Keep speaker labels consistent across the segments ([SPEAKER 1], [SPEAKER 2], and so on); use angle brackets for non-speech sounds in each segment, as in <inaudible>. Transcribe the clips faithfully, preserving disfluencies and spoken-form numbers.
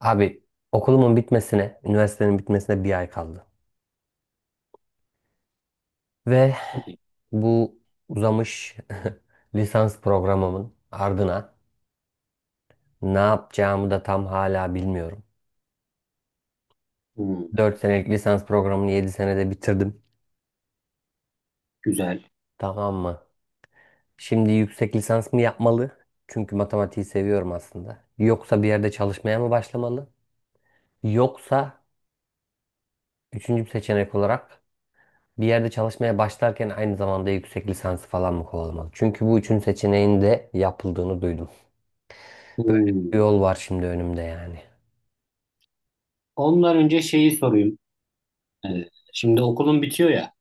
[SPEAKER 1] Abi, okulumun bitmesine, üniversitenin bitmesine bir ay kaldı. Ve
[SPEAKER 2] Çok iyi.
[SPEAKER 1] bu uzamış <laughs> lisans programımın ardına ne yapacağımı da tam hala bilmiyorum.
[SPEAKER 2] Hmm,
[SPEAKER 1] Dört senelik lisans programını yedi senede bitirdim.
[SPEAKER 2] güzel.
[SPEAKER 1] Tamam mı? Şimdi yüksek lisans mı yapmalı? Çünkü matematiği seviyorum aslında. Yoksa bir yerde çalışmaya mı başlamalı? Yoksa üçüncü bir seçenek olarak bir yerde çalışmaya başlarken aynı zamanda yüksek lisansı falan mı kovalamalı? Çünkü bu üçüncü seçeneğin de yapıldığını duydum. Böyle
[SPEAKER 2] Hmm.
[SPEAKER 1] Bir yol var şimdi önümde yani.
[SPEAKER 2] Ondan önce şeyi sorayım. Ee, şimdi okulun bitiyor ya.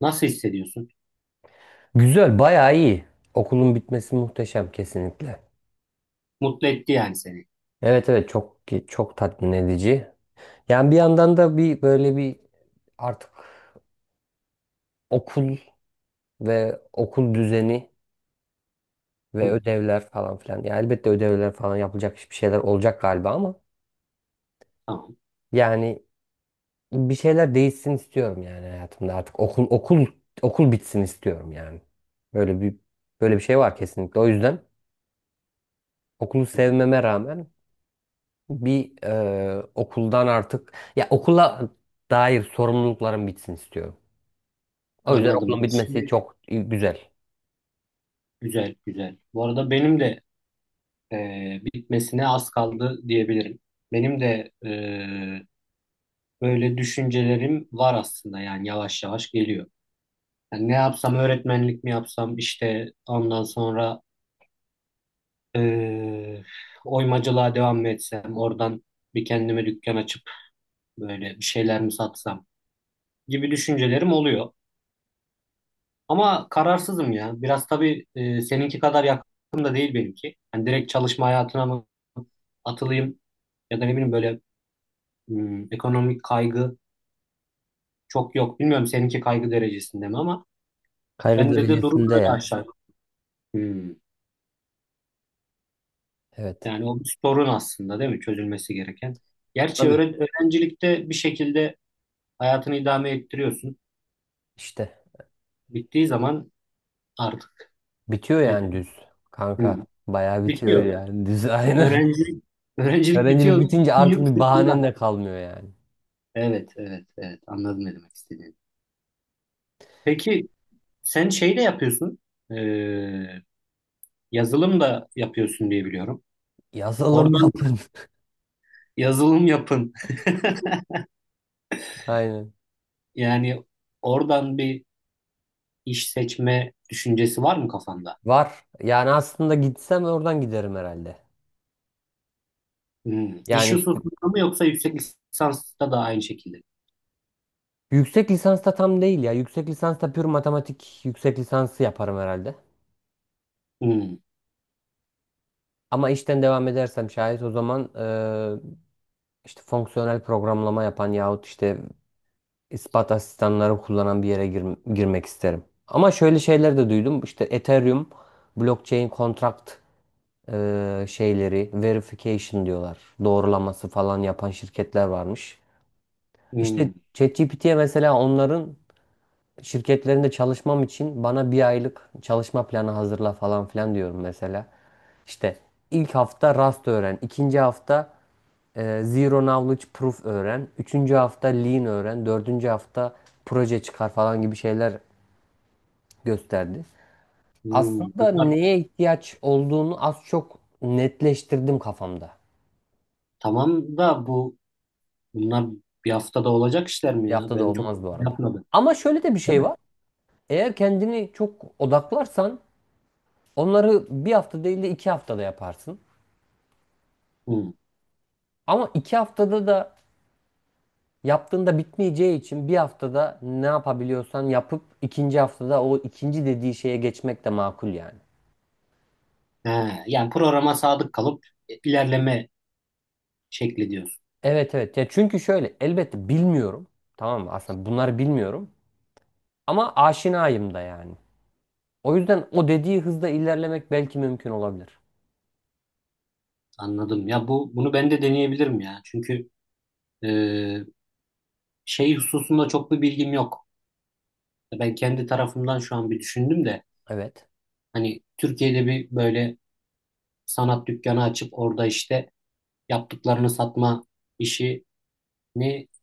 [SPEAKER 2] Nasıl hissediyorsun?
[SPEAKER 1] Güzel, bayağı iyi. Okulun bitmesi muhteşem kesinlikle.
[SPEAKER 2] Mutlu etti yani seni.
[SPEAKER 1] Evet, evet, çok çok tatmin edici. Yani bir yandan da bir böyle bir artık okul ve okul düzeni ve
[SPEAKER 2] Hmm,
[SPEAKER 1] ödevler falan filan. Yani elbette ödevler falan yapılacak bir şeyler olacak galiba ama
[SPEAKER 2] tamam.
[SPEAKER 1] yani bir şeyler değişsin istiyorum yani hayatımda artık okul okul okul bitsin istiyorum yani. Böyle bir böyle bir şey var kesinlikle. O yüzden okulu
[SPEAKER 2] Hmm,
[SPEAKER 1] sevmeme rağmen bir e, okuldan artık ya okula dair sorumluluklarım bitsin istiyorum. O yüzden
[SPEAKER 2] anladım.
[SPEAKER 1] okulun bitmesi
[SPEAKER 2] Şimdi
[SPEAKER 1] çok güzel.
[SPEAKER 2] güzel güzel. Bu arada benim de e, bitmesine az kaldı diyebilirim. Benim de e, böyle düşüncelerim var aslında yani yavaş yavaş geliyor. Yani ne yapsam öğretmenlik mi yapsam işte ondan sonra e, oymacılığa devam mı etsem oradan bir kendime dükkan açıp böyle bir şeyler mi satsam gibi düşüncelerim oluyor. Ama kararsızım ya. Biraz tabii e, seninki kadar yakın da değil benimki. Hani direkt çalışma hayatına mı atılayım ya da ne bileyim böyle hmm, ekonomik kaygı çok yok. Bilmiyorum seninki kaygı derecesinde mi ama
[SPEAKER 1] Kaygı
[SPEAKER 2] bende de durum
[SPEAKER 1] derecesinde
[SPEAKER 2] böyle
[SPEAKER 1] ya.
[SPEAKER 2] aşağı yukarı. Hmm.
[SPEAKER 1] Evet.
[SPEAKER 2] Yani o bir sorun aslında değil mi? Çözülmesi gereken. Gerçi
[SPEAKER 1] Tabii.
[SPEAKER 2] öğre- öğrencilikte bir şekilde hayatını idame ettiriyorsun.
[SPEAKER 1] İşte
[SPEAKER 2] Bittiği zaman artık
[SPEAKER 1] bitiyor
[SPEAKER 2] ne-
[SPEAKER 1] yani düz,
[SPEAKER 2] hmm,
[SPEAKER 1] kanka. Bayağı bitiyor
[SPEAKER 2] bitiyor.
[SPEAKER 1] yani düz <laughs> aynen.
[SPEAKER 2] Öğrencilik, öğrencilik
[SPEAKER 1] Öğrencilik
[SPEAKER 2] bitiyor.
[SPEAKER 1] bitince
[SPEAKER 2] Bütün
[SPEAKER 1] artık
[SPEAKER 2] yük
[SPEAKER 1] bir bahanen
[SPEAKER 2] sırtında.
[SPEAKER 1] de kalmıyor yani.
[SPEAKER 2] Evet, evet, evet. Anladım ne demek istediğini. Peki sen şey de yapıyorsun. Ee, Yazılım da yapıyorsun diye biliyorum.
[SPEAKER 1] Yazalım
[SPEAKER 2] Oradan
[SPEAKER 1] yapın. <laughs>
[SPEAKER 2] yazılım yapın. <laughs>
[SPEAKER 1] Aynen.
[SPEAKER 2] Yani oradan bir iş seçme düşüncesi var mı kafanda?
[SPEAKER 1] Var. Yani aslında gitsem oradan giderim herhalde.
[SPEAKER 2] Hmm. İş
[SPEAKER 1] Yani işte
[SPEAKER 2] hususunda mı yoksa yüksek lisansta da aynı şekilde?
[SPEAKER 1] yüksek lisansta tam değil ya. Yüksek lisansta pür matematik yüksek lisansı yaparım herhalde.
[SPEAKER 2] Hmm.
[SPEAKER 1] Ama işten devam edersem şayet o zaman eee, işte fonksiyonel programlama yapan yahut işte ispat asistanları kullanan bir yere gir- girmek isterim. Ama şöyle şeyler de duydum. İşte Ethereum blockchain contract eee, şeyleri verification diyorlar. Doğrulaması falan yapan şirketler varmış. İşte
[SPEAKER 2] Hmm.
[SPEAKER 1] ChatGPT'ye mesela onların şirketlerinde çalışmam için bana bir aylık çalışma planı hazırla falan filan diyorum mesela. İşte ilk hafta Rust öğren, ikinci hafta Ee, Zero Knowledge Proof öğren. Üçüncü hafta Lean öğren. Dördüncü hafta proje çıkar falan gibi şeyler gösterdi.
[SPEAKER 2] Hmm.
[SPEAKER 1] Aslında
[SPEAKER 2] Bunlar
[SPEAKER 1] neye ihtiyaç olduğunu az çok netleştirdim kafamda.
[SPEAKER 2] tamam da bu bunlar bir haftada olacak işler mi
[SPEAKER 1] Bir
[SPEAKER 2] ya?
[SPEAKER 1] haftada
[SPEAKER 2] Ben çok
[SPEAKER 1] olmaz bu arada.
[SPEAKER 2] yapmadım.
[SPEAKER 1] Ama şöyle de bir
[SPEAKER 2] Değil
[SPEAKER 1] şey
[SPEAKER 2] mi?
[SPEAKER 1] var. Eğer kendini çok odaklarsan onları bir hafta değil de iki haftada yaparsın.
[SPEAKER 2] Hı.
[SPEAKER 1] Ama iki haftada da yaptığında bitmeyeceği için bir haftada ne yapabiliyorsan yapıp ikinci haftada o ikinci dediği şeye geçmek de makul yani.
[SPEAKER 2] He, yani programa sadık kalıp ilerleme şekli diyorsun.
[SPEAKER 1] Evet, evet. Ya çünkü şöyle elbette bilmiyorum. Tamam mı? Aslında bunları bilmiyorum. Ama aşinayım da yani. O yüzden o dediği hızda ilerlemek belki mümkün olabilir.
[SPEAKER 2] Anladım. Ya bu bunu ben de deneyebilirim ya. Çünkü e, şey hususunda çok bir bilgim yok. Ben kendi tarafımdan şu an bir düşündüm de
[SPEAKER 1] Evet.
[SPEAKER 2] hani Türkiye'de bir böyle sanat dükkanı açıp orada işte yaptıklarını satma işini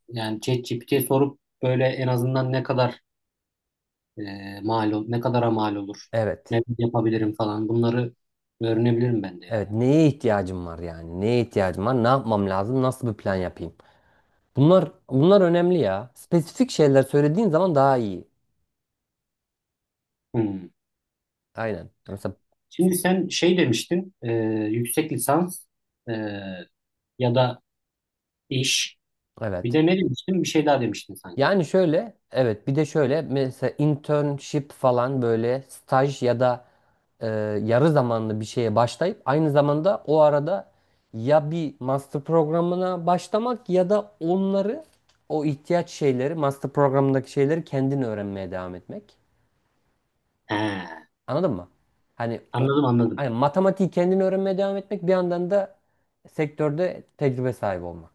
[SPEAKER 2] yani ChatGPT'ye sorup böyle en azından ne kadar e, mal ol- ne kadara mal olur,
[SPEAKER 1] Evet.
[SPEAKER 2] ne yapabilirim falan bunları öğrenebilirim ben de ya.
[SPEAKER 1] Evet. Neye ihtiyacım var yani? Neye ihtiyacım var? Ne yapmam lazım? Nasıl bir plan yapayım? Bunlar bunlar önemli ya. Spesifik şeyler söylediğin zaman daha iyi.
[SPEAKER 2] Hmm.
[SPEAKER 1] Aynen. Mesela
[SPEAKER 2] Şimdi sen şey demiştin, e, yüksek lisans e, ya da iş. Bir
[SPEAKER 1] evet.
[SPEAKER 2] de ne demiştin? Bir şey daha demiştin sanki.
[SPEAKER 1] Yani şöyle, evet bir de şöyle mesela internship falan böyle staj ya da e, yarı zamanlı bir şeye başlayıp aynı zamanda o arada ya bir master programına başlamak ya da onları o ihtiyaç şeyleri master programındaki şeyleri kendin öğrenmeye devam etmek.
[SPEAKER 2] He,
[SPEAKER 1] Anladın mı? Hani o
[SPEAKER 2] anladım anladım.
[SPEAKER 1] hani matematiği kendin öğrenmeye devam etmek bir yandan da sektörde tecrübe sahibi olmak.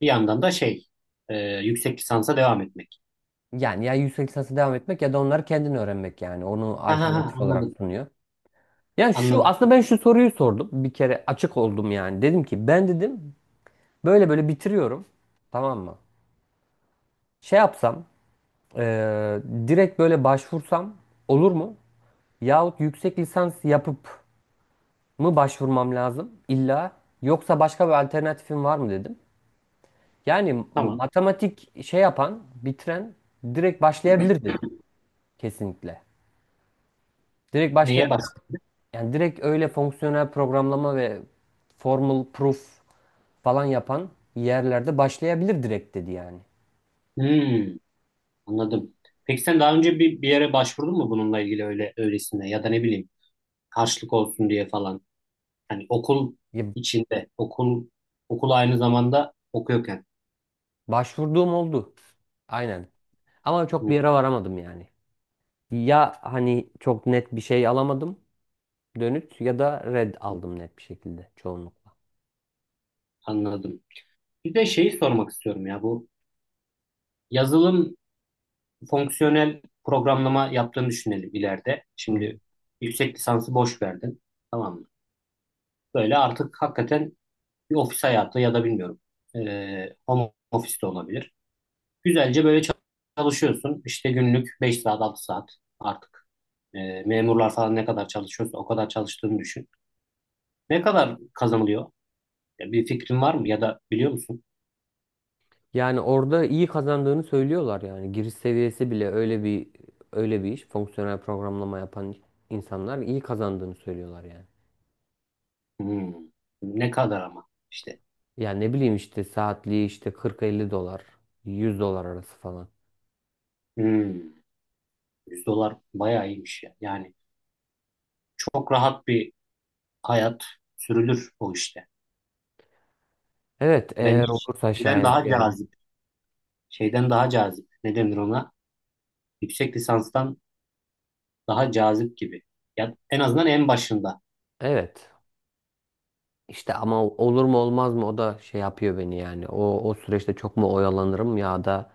[SPEAKER 2] Bir yandan da şey, e, yüksek lisansa devam etmek.
[SPEAKER 1] Yani ya yüksek lisansa devam etmek ya da onları kendin öğrenmek yani. Onu
[SPEAKER 2] Ha ha ha
[SPEAKER 1] alternatif olarak
[SPEAKER 2] anladım
[SPEAKER 1] sunuyor. Yani şu
[SPEAKER 2] anladım.
[SPEAKER 1] aslında ben şu soruyu sordum. Bir kere açık oldum yani. Dedim ki ben dedim böyle böyle bitiriyorum. Tamam mı? Şey yapsam eee, direkt böyle başvursam olur mu? Yahut yüksek lisans yapıp mı başvurmam lazım illa yoksa başka bir alternatifim var mı dedim. Yani
[SPEAKER 2] Tamam.
[SPEAKER 1] matematik şey yapan bitiren direkt başlayabilir dedi kesinlikle. Direkt
[SPEAKER 2] Neye
[SPEAKER 1] başlayabilir.
[SPEAKER 2] bastın?
[SPEAKER 1] Yani direkt öyle fonksiyonel programlama ve formal proof falan yapan yerlerde başlayabilir direkt dedi yani.
[SPEAKER 2] Hmm, anladım. Peki sen daha önce bir, bir yere başvurdun mu bununla ilgili öyle öylesine ya da ne bileyim karşılık olsun diye falan. Hani okul
[SPEAKER 1] Ya
[SPEAKER 2] içinde, okul okul aynı zamanda okuyorken.
[SPEAKER 1] başvurduğum oldu. Aynen. Ama
[SPEAKER 2] Hı,
[SPEAKER 1] çok bir yere varamadım yani. Ya hani çok net bir şey alamadım, dönüt ya da red aldım net bir şekilde çoğunlukla.
[SPEAKER 2] anladım. Bir de şeyi sormak istiyorum ya bu yazılım fonksiyonel programlama yaptığını düşünelim ileride.
[SPEAKER 1] Hı hı.
[SPEAKER 2] Şimdi yüksek lisansı boş verdin. Tamam mı? Böyle artık hakikaten bir ofis hayatı ya da bilmiyorum e, home office de olabilir. Güzelce böyle çal- çalışıyorsun. İşte günlük beş saat altı saat artık. E, memurlar falan ne kadar çalışıyorsa o kadar çalıştığını düşün. Ne kadar kazanılıyor? Ya bir fikrin var mı ya da biliyor musun?
[SPEAKER 1] Yani orada iyi kazandığını söylüyorlar yani. Giriş seviyesi bile öyle bir öyle bir iş. Fonksiyonel programlama yapan insanlar iyi kazandığını söylüyorlar yani.
[SPEAKER 2] Hmm. Ne kadar ama işte.
[SPEAKER 1] Yani ne bileyim işte saatliği işte kırk elli dolar, yüz dolar arası falan.
[SPEAKER 2] Hmm. yüz dolar bayağı iyiymiş ya. Yani çok rahat bir hayat sürülür o işte.
[SPEAKER 1] Evet, eğer
[SPEAKER 2] Bence
[SPEAKER 1] olursa
[SPEAKER 2] şeyden
[SPEAKER 1] şayet
[SPEAKER 2] daha
[SPEAKER 1] yani.
[SPEAKER 2] cazip. Şeyden daha cazip. Ne denir ona? Yüksek lisanstan daha cazip gibi. Ya en azından en başında
[SPEAKER 1] Evet. İşte ama olur mu olmaz mı o da şey yapıyor beni yani. O o süreçte çok mu oyalanırım ya da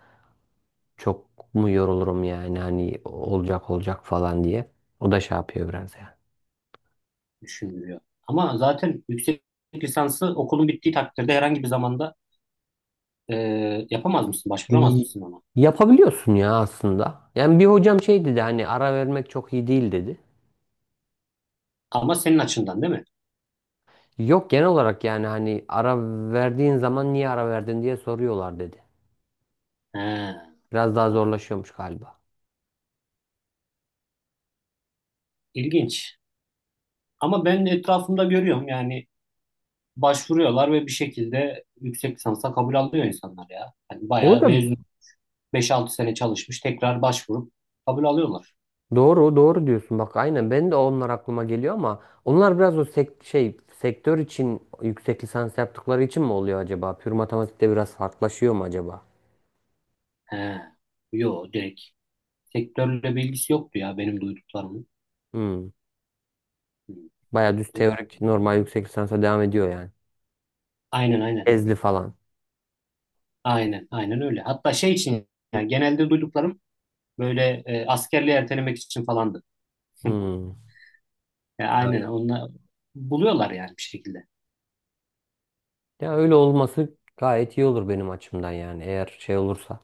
[SPEAKER 1] çok mu yorulurum yani hani olacak olacak falan diye. O da şey yapıyor biraz yani.
[SPEAKER 2] düşünülüyor. Ama zaten yüksek lisansı okulun bittiği takdirde herhangi bir zamanda e, yapamaz mısın? Başvuramaz
[SPEAKER 1] İyi.
[SPEAKER 2] mısın ona?
[SPEAKER 1] Yapabiliyorsun ya aslında. Yani bir hocam şey dedi, hani ara vermek çok iyi değil dedi.
[SPEAKER 2] Ama senin açından değil mi?
[SPEAKER 1] Yok, genel olarak yani hani ara verdiğin zaman niye ara verdin diye soruyorlar dedi.
[SPEAKER 2] He,
[SPEAKER 1] Biraz daha
[SPEAKER 2] anladım.
[SPEAKER 1] zorlaşıyormuş galiba.
[SPEAKER 2] İlginç. Ama ben etrafımda görüyorum yani başvuruyorlar ve bir şekilde yüksek lisansa kabul alıyor insanlar ya. Yani bayağı
[SPEAKER 1] Orada
[SPEAKER 2] mezun beş altı sene çalışmış tekrar başvurup kabul alıyorlar.
[SPEAKER 1] Doğru, doğru diyorsun. Bak aynen ben de onlar aklıma geliyor ama onlar biraz o sek- şey sektör için yüksek lisans yaptıkları için mi oluyor acaba? Pür matematikte biraz farklılaşıyor mu acaba?
[SPEAKER 2] He. Yo direkt sektörle bilgisi yoktu ya benim duyduklarımın.
[SPEAKER 1] Hmm.
[SPEAKER 2] Hı,
[SPEAKER 1] Baya düz
[SPEAKER 2] yok.
[SPEAKER 1] teorik normal yüksek lisansa devam ediyor yani.
[SPEAKER 2] Aynen aynen.
[SPEAKER 1] Ezli falan.
[SPEAKER 2] Aynen aynen öyle. Hatta şey için yani genelde duyduklarım böyle e, askerliği ertelemek için falandı.
[SPEAKER 1] Hmm.
[SPEAKER 2] Ya aynen
[SPEAKER 1] Anladım.
[SPEAKER 2] onlar buluyorlar yani bir şekilde.
[SPEAKER 1] Ya öyle olması gayet iyi olur benim açımdan yani eğer şey olursa.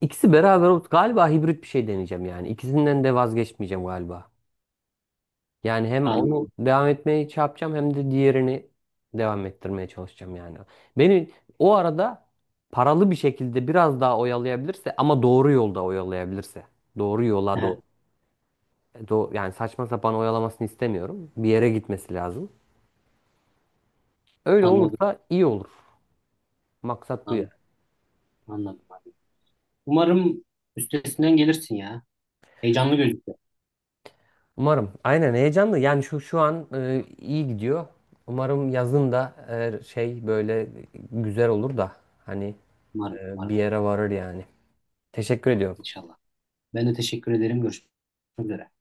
[SPEAKER 1] İkisi beraber ol- galiba hibrit bir şey deneyeceğim yani. İkisinden de vazgeçmeyeceğim galiba. Yani hem onu
[SPEAKER 2] Anladım.
[SPEAKER 1] devam etmeye şey yapacağım hem de diğerini devam ettirmeye çalışacağım yani. Beni o arada paralı bir şekilde biraz daha oyalayabilirse ama doğru yolda oyalayabilirse. Doğru yola
[SPEAKER 2] He,
[SPEAKER 1] doğru. e, Do yani saçma sapan oyalamasını istemiyorum. Bir yere gitmesi lazım. Öyle
[SPEAKER 2] anladım.
[SPEAKER 1] olursa iyi olur. Maksat bu ya.
[SPEAKER 2] Anladım. Anladım, abi. Umarım üstesinden gelirsin ya. Heyecanlı gözüküyor.
[SPEAKER 1] Umarım. Aynen, heyecanlı. Yani şu şu an e, iyi gidiyor. Umarım yazın da e, şey böyle güzel olur da hani
[SPEAKER 2] Umarım,
[SPEAKER 1] e, bir
[SPEAKER 2] umarım
[SPEAKER 1] yere varır yani. Teşekkür ediyorum.
[SPEAKER 2] inşallah. Ben de teşekkür ederim. Görüşmek üzere.